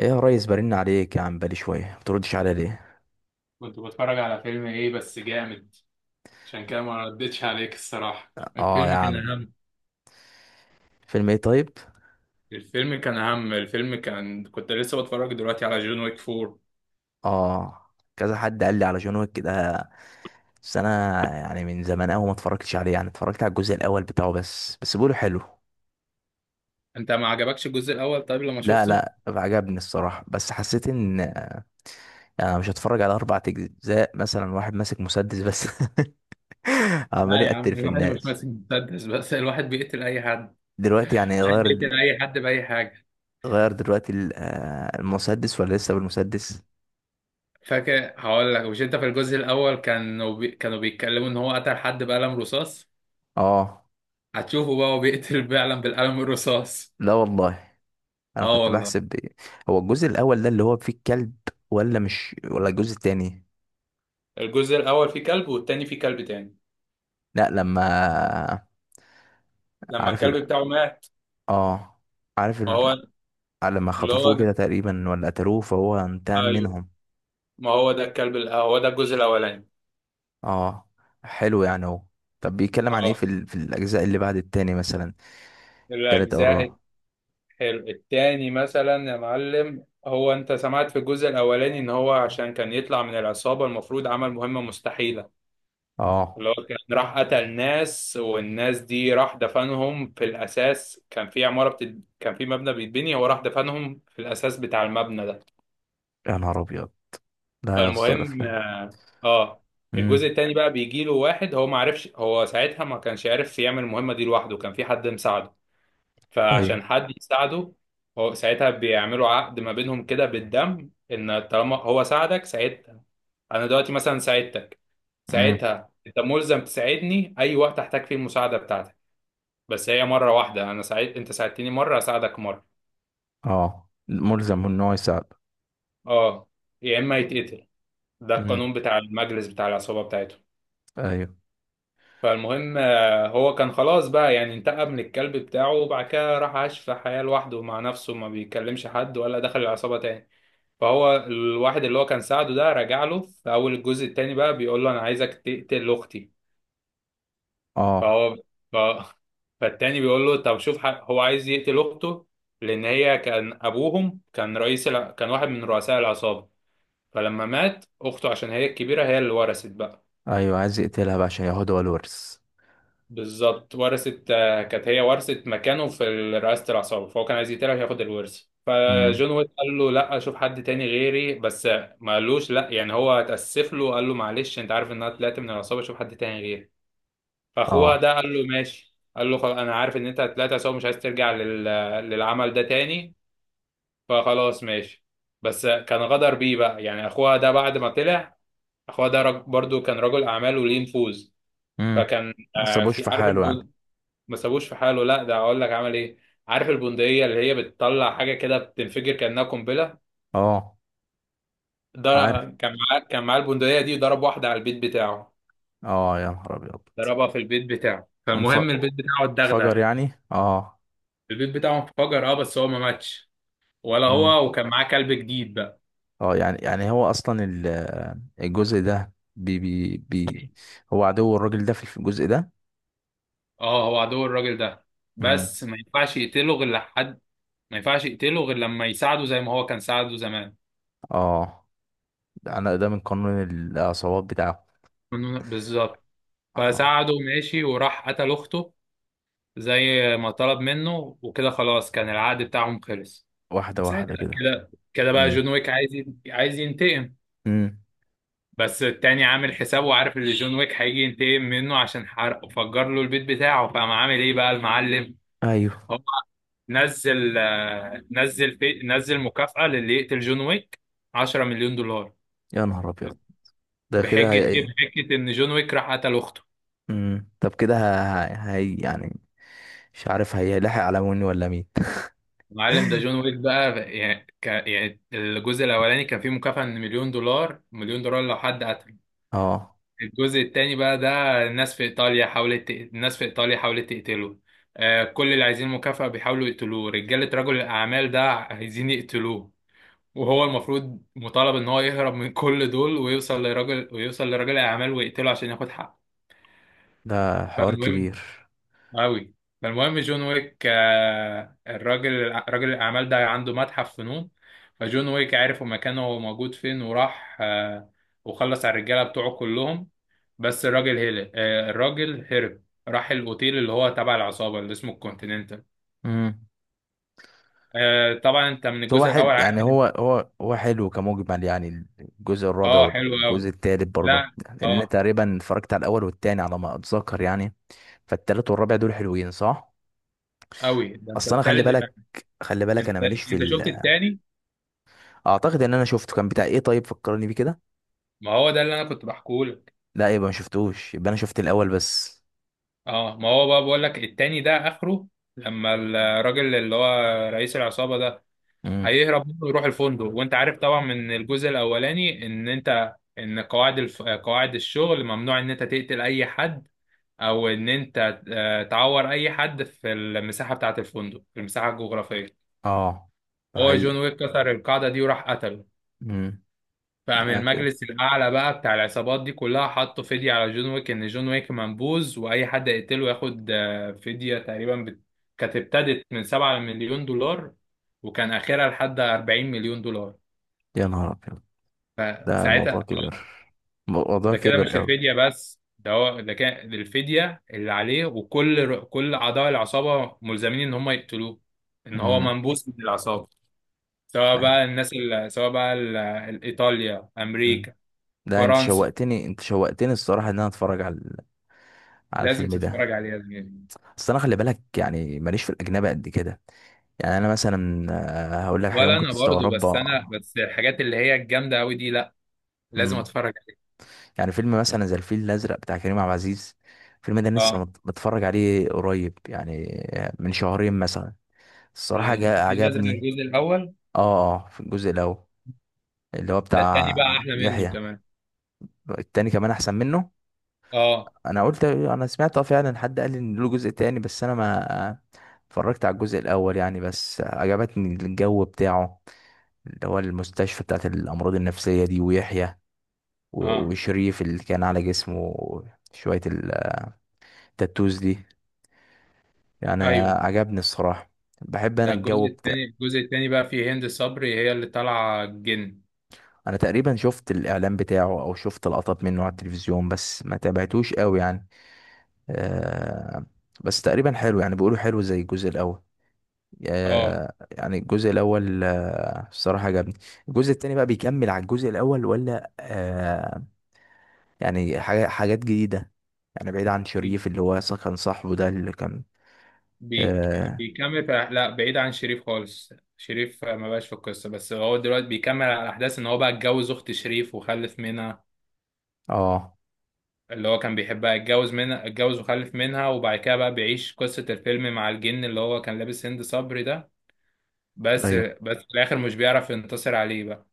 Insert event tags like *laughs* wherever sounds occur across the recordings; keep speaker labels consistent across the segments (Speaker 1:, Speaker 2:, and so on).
Speaker 1: ايه يا ريس، برن عليك يا عم بالي شويه، ما بتردش عليا ليه؟
Speaker 2: كنت بتفرج على فيلم ايه بس جامد. عشان كده ما ردتش عليك الصراحة.
Speaker 1: اه يا عم. فيلم ايه طيب؟
Speaker 2: الفيلم كان كنت لسه بتفرج دلوقتي على جون ويك فور.
Speaker 1: اه، كذا حد قال لي على جون ويك كده. بس انا يعني من زمان قوي ما اتفرجتش عليه، يعني اتفرجت على الجزء الاول بتاعه بس، بس بيقولوا حلو.
Speaker 2: أنت ما عجبكش الجزء الأول طيب لما
Speaker 1: لا،
Speaker 2: شفته؟
Speaker 1: لا، عجبني الصراحه، بس حسيت ان يعني، انا مش هتفرج على اربع اجزاء مثلا واحد ماسك مسدس بس *laughs*
Speaker 2: لا
Speaker 1: عمال
Speaker 2: يا عم
Speaker 1: يقتل في
Speaker 2: الواحد مش
Speaker 1: الناس.
Speaker 2: ماسك مسدس بس، الواحد بيقتل أي حد، الواحد
Speaker 1: دلوقتي يعني غير،
Speaker 2: بيقتل أي حد بأي حاجة.
Speaker 1: دلوقتي المسدس، ولا لسه بالمسدس؟
Speaker 2: فاكر هقول لك، مش أنت في الجزء الأول كانوا بيتكلموا إن هو قتل حد بقلم رصاص؟
Speaker 1: اه.
Speaker 2: هتشوفه بقى هو بيقتل فعلا بالقلم الرصاص.
Speaker 1: لا والله، انا
Speaker 2: اه
Speaker 1: كنت
Speaker 2: والله.
Speaker 1: بحسب هو الجزء الاول ده اللي هو فيه الكلب، ولا الجزء التاني؟
Speaker 2: الجزء الأول فيه كلب والتاني فيه كلب تاني
Speaker 1: لا لما
Speaker 2: لما
Speaker 1: عارف.
Speaker 2: الكلب بتاعه مات.
Speaker 1: اه. عارف
Speaker 2: ما
Speaker 1: ال...
Speaker 2: هو
Speaker 1: لما
Speaker 2: اللي
Speaker 1: خطفوه
Speaker 2: هو،
Speaker 1: كده تقريبا ولا قتلوه، فهو انتقم
Speaker 2: ايوه،
Speaker 1: منهم.
Speaker 2: ما هو ده الكلب هو ده الجزء الاولاني.
Speaker 1: اه، حلو يعني هو. طب بيتكلم عن ايه
Speaker 2: اه.
Speaker 1: في الاجزاء اللي بعد التاني مثلا؟ التالت او
Speaker 2: الاجزاء،
Speaker 1: الرابع؟
Speaker 2: حلو التاني مثلا يا معلم، هو انت سمعت في الجزء الاولاني ان هو عشان كان يطلع من العصابه المفروض عمل مهمه مستحيله؟
Speaker 1: اه
Speaker 2: اللي هو كان راح قتل ناس والناس دي راح دفنهم في الاساس. كان في مبنى بيتبني، هو راح دفنهم في الاساس بتاع المبنى ده.
Speaker 1: يا نهار ابيض، لا يا اسطى
Speaker 2: فالمهم،
Speaker 1: الافلام.
Speaker 2: اه، الجزء
Speaker 1: امم.
Speaker 2: التاني بقى بيجي له واحد. هو ما عرفش، هو ساعتها ما كانش عارف يعمل المهمة دي لوحده، كان في حد مساعده.
Speaker 1: ايوه.
Speaker 2: فعشان حد يساعده هو ساعتها بيعملوا عقد ما بينهم كده بالدم، ان طالما هو ساعدك ساعتها. انا دلوقتي مثلا ساعدتك،
Speaker 1: امم.
Speaker 2: ساعتها انت ملزم تساعدني اي وقت احتاج فيه المساعدة بتاعتك. بس هي مرة واحدة، انا ساعد انت ساعدتني مرة اساعدك مرة.
Speaker 1: اه، ملزم ان هو يساعد.
Speaker 2: اه. يا اما يتقتل. ده
Speaker 1: امم.
Speaker 2: القانون بتاع المجلس بتاع العصابة بتاعته.
Speaker 1: ايوه.
Speaker 2: فالمهم، هو كان خلاص بقى يعني انتقم من الكلب بتاعه، وبعد كده راح عاش في حياة لوحده مع نفسه، ما بيكلمش حد ولا دخل العصابة تاني. فهو الواحد اللي هو كان ساعده ده رجع له في أول الجزء التاني بقى بيقول له أنا عايزك تقتل أختي.
Speaker 1: اه.
Speaker 2: فهو ف... فالتاني بيقول له طب هو عايز يقتل أخته، لأن هي كان أبوهم كان كان واحد من رؤساء العصابة، فلما مات أخته عشان هي الكبيرة هي اللي ورثت بقى.
Speaker 1: ايوه، عايز يقتلها بقى عشان ياخدها هو الورث.
Speaker 2: بالظبط، ورثت، كانت هي ورثت مكانه في رئاسة العصابة، فهو كان عايز يقتلها ياخد الورث.
Speaker 1: امم.
Speaker 2: فجون ويك قال له لا، شوف حد تاني غيري بس. ما قالوش لا يعني، هو اتأسف له، قال له معلش انت عارف ان انا طلعت من العصابة، شوف حد تاني غيري. فاخوها
Speaker 1: اه.
Speaker 2: ده قال له ماشي، قال له خلاص انا عارف ان انت طلعت عصابة مش عايز ترجع للعمل ده تاني، فخلاص ماشي. بس كان غدر بيه بقى يعني اخوها ده بعد ما طلع. اخوها ده برضو كان رجل اعمال وليه نفوذ.
Speaker 1: امم.
Speaker 2: فكان،
Speaker 1: ما سابوش
Speaker 2: في،
Speaker 1: في
Speaker 2: عارف.
Speaker 1: حاله يعني.
Speaker 2: ما سابوش في حاله؟ لا، ده اقول لك عمل ايه. عارف البندقيه اللي هي بتطلع حاجه كده بتنفجر كانها قنبله؟
Speaker 1: اه،
Speaker 2: ده
Speaker 1: عارف.
Speaker 2: كان معاه البندقيه دي، ضرب واحده على البيت بتاعه.
Speaker 1: اه يا نهار ابيض.
Speaker 2: ضربها في البيت بتاعه،
Speaker 1: وانف-
Speaker 2: فالمهم البيت بتاعه
Speaker 1: انفجر
Speaker 2: اتدغدغ.
Speaker 1: يعني، اه.
Speaker 2: البيت بتاعه انفجر، اه، بس هو ما ماتش ولا
Speaker 1: امم.
Speaker 2: هو، وكان معاه كلب جديد بقى.
Speaker 1: اه، يعني هو اصلا الجزء ده بي بي بي هو عدو الراجل ده في الجزء ده.
Speaker 2: اه هو عدو الراجل ده،
Speaker 1: امم.
Speaker 2: بس ما ينفعش يقتله غير لحد، ما ينفعش يقتله غير لما يساعده زي ما هو كان ساعده زمان.
Speaker 1: اه، ده انا ده من قانون العصابات بتاعه.
Speaker 2: بالظبط.
Speaker 1: اه،
Speaker 2: فساعده ماشي وراح قتل اخته زي ما طلب منه، وكده خلاص كان العقد بتاعهم خلص.
Speaker 1: واحده واحده
Speaker 2: ساعتها
Speaker 1: كده.
Speaker 2: كده كده بقى
Speaker 1: امم.
Speaker 2: جون ويك عايز ينتقم.
Speaker 1: امم.
Speaker 2: بس التاني عامل حسابه وعارف ان جون ويك هيجي ينتقم منه عشان حرق وفجر له البيت بتاعه، فقام عامل ايه بقى المعلم؟
Speaker 1: ايوه.
Speaker 2: هو نزل آه، نزل في نزل مكافأة للي يقتل جون ويك، 10 مليون دولار.
Speaker 1: يا نهار ابيض، ده كده
Speaker 2: بحجة ايه؟
Speaker 1: هي.
Speaker 2: بحجة ان جون ويك راح قتل اخته.
Speaker 1: امم، طب كده هي يعني مش عارف هيلاحق على مني ولا مين.
Speaker 2: معلم ده جون ويك بقى يعني الجزء الاولاني كان فيه مكافأة من مليون دولار، مليون دولار لو حد قتل.
Speaker 1: اه،
Speaker 2: الجزء التاني بقى ده الناس في ايطاليا حاولت تقتله. آه، كل اللي عايزين مكافأة بيحاولوا يقتلوه، رجالة رجل الاعمال ده عايزين يقتلوه. وهو المفروض مطالب ان هو يهرب من كل دول ويوصل لرجل الاعمال ويقتله عشان ياخد حقه.
Speaker 1: ده حوار
Speaker 2: فالمهم
Speaker 1: كبير.
Speaker 2: أوي. فالمهم جون ويك، راجل الأعمال ده عنده متحف فنون، فجون ويك عرف مكانه موجود فين وراح، وخلص على الرجالة بتوعه كلهم، بس الراجل هرب. راح الأوتيل اللي هو تبع العصابة، اللي اسمه الكونتيننتال.
Speaker 1: امم،
Speaker 2: طبعا أنت من
Speaker 1: بس هو
Speaker 2: الجزء
Speaker 1: حلو،
Speaker 2: الأول عارف
Speaker 1: يعني هو
Speaker 2: إن.
Speaker 1: هو هو حلو كمجمل، يعني الجزء الرابع
Speaker 2: اه حلو
Speaker 1: والجزء
Speaker 2: أوي.
Speaker 1: التالت برضه؟
Speaker 2: لا.
Speaker 1: لان انا
Speaker 2: اه
Speaker 1: تقريبا اتفرجت على الاول والتاني على ما اتذكر يعني، فالتالت والرابع دول حلوين صح؟
Speaker 2: أوي. ده أنت
Speaker 1: اصل انا خلي
Speaker 2: التالت،
Speaker 1: بالك، خلي بالك انا
Speaker 2: أنت
Speaker 1: ماليش
Speaker 2: أنت شفت التاني؟
Speaker 1: اعتقد ان انا شفته، كان بتاع ايه طيب؟ فكرني بيه كده.
Speaker 2: ما هو ده اللي أنا كنت بحكيه.
Speaker 1: لا، يبقى ما شفتوش، يبقى انا شفت الاول بس.
Speaker 2: اه. ما هو بقى بقول لك التاني ده اخره لما الراجل اللي هو رئيس العصابة ده
Speaker 1: امم.
Speaker 2: هيهرب منه ويروح الفندق. وانت عارف طبعا من الجزء الاولاني ان انت ان قواعد الشغل ممنوع ان انت تقتل اي حد، او ان انت تعور اي حد في المساحة بتاعة الفندق، في المساحة الجغرافية.
Speaker 1: اه، ده
Speaker 2: هو
Speaker 1: حقيقي.
Speaker 2: جون ويك كسر القاعدة دي وراح قتله. فقام
Speaker 1: ده كده
Speaker 2: المجلس الأعلى بقى بتاع العصابات دي كلها حطوا فدية على جون ويك إن جون ويك منبوذ وأي حد يقتله ياخد، فدية تقريبا كانت ابتدت من 7 مليون دولار، وكان آخرها لحد 40 مليون دولار.
Speaker 1: يا نهار أبيض، ده
Speaker 2: فساعتها،
Speaker 1: الموضوع كبير،
Speaker 2: آه،
Speaker 1: الموضوع
Speaker 2: ده كده مش
Speaker 1: كبير أوي.
Speaker 2: الفدية بس، ده هو ده كان الفدية اللي عليه، وكل كل أعضاء العصابة ملزمين إن هم يقتلوه، إن هو
Speaker 1: مم.
Speaker 2: منبوذ من العصابة. سواء بقى الناس ال- سواء بقى ال- إيطاليا،
Speaker 1: مم.
Speaker 2: أمريكا،
Speaker 1: ده أنت
Speaker 2: فرنسا،
Speaker 1: شوقتني، الصراحة إن أنا أتفرج على
Speaker 2: لازم
Speaker 1: الفيلم
Speaker 2: تتفرج
Speaker 1: ده.
Speaker 2: عليها زميلي.
Speaker 1: بس أنا خلي بالك يعني ماليش في الأجنبي قد كده، يعني أنا مثلا هقول لك حاجة
Speaker 2: ولا
Speaker 1: ممكن
Speaker 2: انا برضو، بس انا
Speaker 1: تستغربها.
Speaker 2: بس الحاجات اللي هي الجامده قوي دي لا، لازم
Speaker 1: مم.
Speaker 2: اتفرج عليها.
Speaker 1: يعني فيلم مثلا زي الفيل الأزرق بتاع كريم عبد العزيز، الفيلم ده لسه
Speaker 2: اه.
Speaker 1: متفرج عليه قريب يعني، من شهرين مثلا. الصراحة
Speaker 2: الفيل الازرق
Speaker 1: عجبني.
Speaker 2: الجزء الاول؟
Speaker 1: اه، اه، في الجزء الأول، اللي هو
Speaker 2: ده التاني
Speaker 1: بتاع
Speaker 2: بقى احلى منه
Speaker 1: يحيى.
Speaker 2: كمان.
Speaker 1: التاني كمان احسن منه.
Speaker 2: اه.
Speaker 1: انا قلت انا سمعت، اه فعلا حد قال لي ان له جزء تاني، بس انا ما اتفرجت على الجزء الاول يعني، بس عجبتني الجو بتاعه، اللي هو المستشفى بتاعت الامراض النفسية دي، ويحيى
Speaker 2: اه.
Speaker 1: وشريف اللي كان على جسمه شوية التاتوز دي يعني،
Speaker 2: ايوه.
Speaker 1: عجبني الصراحة. بحب انا
Speaker 2: ده
Speaker 1: الجو
Speaker 2: الجزء
Speaker 1: بتاع.
Speaker 2: التاني، بقى فيه هند صبري هي اللي طالعه الجن.
Speaker 1: انا تقريبا شفت الاعلان بتاعه او شفت لقطات منه على التلفزيون، بس ما تابعتوش قوي يعني. أه... بس تقريبا حلو، يعني بيقولوا حلو زي الجزء الاول.
Speaker 2: اه.
Speaker 1: يعني الجزء الاول الصراحه عجبني. الجزء التاني بقى بيكمل على الجزء الاول، ولا يعني حاجات جديده، يعني بعيد عن
Speaker 2: بي-
Speaker 1: شريف اللي هو أصلاً كان صاحبه ده اللي كان؟
Speaker 2: بي-
Speaker 1: اه.
Speaker 2: بيكمل في، لا، بعيد عن شريف خالص. شريف ما بقاش في القصه، بس هو دلوقتي بيكمل على احداث ان هو بقى اتجوز اخت شريف وخلف منها،
Speaker 1: آه،
Speaker 2: اللي هو كان بيحبها، اتجوز منها، وخلف منها، وبعد كده بقى بيعيش قصة الفيلم مع الجن اللي هو كان لابس هند صبري ده. بس
Speaker 1: ايوه.
Speaker 2: بس في الآخر مش بيعرف ينتصر عليه بقى،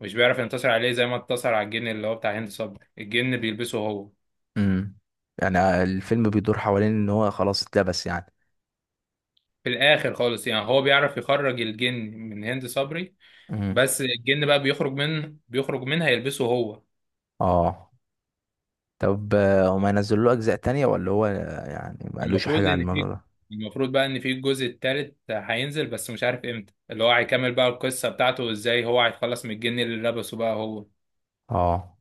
Speaker 2: مش بيعرف ينتصر عليه زي ما انتصر على الجن اللي هو بتاع هند صبري. الجن بيلبسه هو
Speaker 1: امم. يعني الفيلم بيدور حوالين ان هو خلاص اتلبس يعني.
Speaker 2: في الآخر خالص. يعني هو بيعرف يخرج الجن من هند صبري،
Speaker 1: امم.
Speaker 2: بس الجن بقى بيخرج منها يلبسه هو.
Speaker 1: اه. طب هما ينزلوا له اجزاء تانية، ولا هو يعني ما قالوش
Speaker 2: المفروض
Speaker 1: حاجه على
Speaker 2: إن
Speaker 1: الموضوع
Speaker 2: في،
Speaker 1: ده؟
Speaker 2: المفروض بقى ان في الجزء التالت هينزل، بس مش عارف امتى اللي هو هيكمل بقى القصة بتاعته وازاي هو هيتخلص من الجن اللي لبسه بقى هو.
Speaker 1: اه،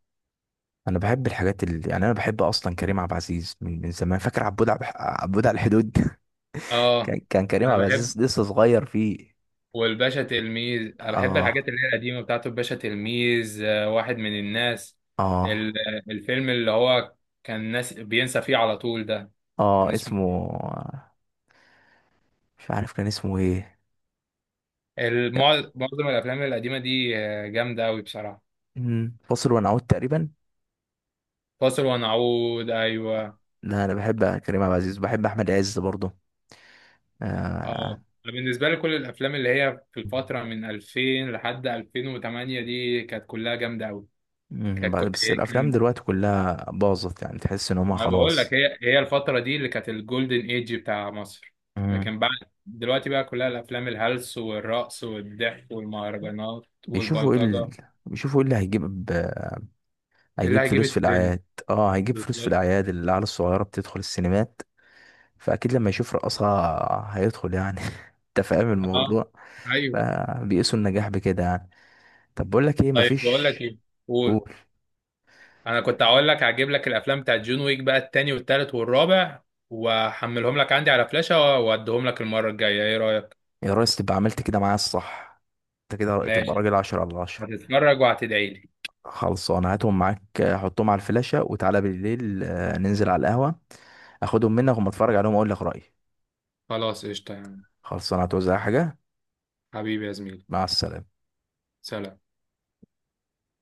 Speaker 1: انا بحب الحاجات اللي يعني، انا بحب اصلا كريم عبد العزيز من زمان، فاكر عبود عبود على الحدود؟ *laughs* كان
Speaker 2: اه.
Speaker 1: كان كريم
Speaker 2: انا
Speaker 1: عبد
Speaker 2: بحب
Speaker 1: العزيز لسه صغير فيه.
Speaker 2: والباشا تلميذ. انا بحب الحاجات
Speaker 1: اه،
Speaker 2: اللي هي القديمه بتاعته. الباشا تلميذ، واحد من الناس، ال-
Speaker 1: اه،
Speaker 2: الفيلم اللي هو كان ناس بينسى فيه على طول ده،
Speaker 1: اه،
Speaker 2: كان اسمه
Speaker 1: اسمه. مش عارف كان اسمه ايه.
Speaker 2: معظم الافلام القديمه دي جامده قوي بصراحه.
Speaker 1: فاصل ونعود تقريبا.
Speaker 2: فاصل ونعود، ايوه.
Speaker 1: لا، انا بحب كريم عبد العزيز، بحب احمد عز برضه. آه.
Speaker 2: اه، بالنسبه لي كل الافلام اللي هي في الفتره من 2000 لحد 2008 دي كانت كلها جامده قوي. كانت
Speaker 1: بس الافلام دلوقتي كلها باظت، يعني تحس ان هما
Speaker 2: ما بقول لك،
Speaker 1: خلاص.
Speaker 2: هي الفترة دي اللي كانت الجولدن ايج بتاع مصر.
Speaker 1: أمم.
Speaker 2: لكن بعد دلوقتي بقى كلها الافلام الهلس والرقص والضحك والمهرجانات
Speaker 1: بيشوفوا ايه ال...
Speaker 2: والبلطجة،
Speaker 1: بيشوفوا ايه اللي هيجيب،
Speaker 2: اللي
Speaker 1: هيجيب
Speaker 2: هيجيب
Speaker 1: فلوس في
Speaker 2: الترند.
Speaker 1: الاعياد. اه، هيجيب فلوس في
Speaker 2: بالظبط.
Speaker 1: الاعياد، العيال الصغيره بتدخل السينمات، فاكيد لما يشوف رقصها هيدخل يعني. *laughs* انت فاهم
Speaker 2: اه.
Speaker 1: الموضوع،
Speaker 2: ايوه.
Speaker 1: فبيقيسوا النجاح بكده يعني. طب بقول لك ايه،
Speaker 2: طيب بقول
Speaker 1: مفيش.
Speaker 2: لك ايه؟ قول.
Speaker 1: قول.
Speaker 2: انا كنت هقول لك هجيب لك الافلام بتاعت جون ويك بقى، التاني والتالت والرابع، واحملهم لك عندي على فلاشة واديهم لك المرة الجاية، ايه رأيك؟
Speaker 1: يا ريس، تبقى عملت كده معايا الصح، انت كده تبقى
Speaker 2: ماشي.
Speaker 1: راجل 10/10.
Speaker 2: هتتفرج وهتدعي لي.
Speaker 1: خلصانه، هاتهم معاك، حطهم على الفلاشه وتعالى بالليل، ننزل على القهوه، اخدهم منك وما اتفرج عليهم واقول لك رايي.
Speaker 2: خلاص قشطة يا عم.
Speaker 1: خلصانه، هتوزع حاجه؟
Speaker 2: حبيبي يا زميلي.
Speaker 1: مع السلامه.
Speaker 2: سلام.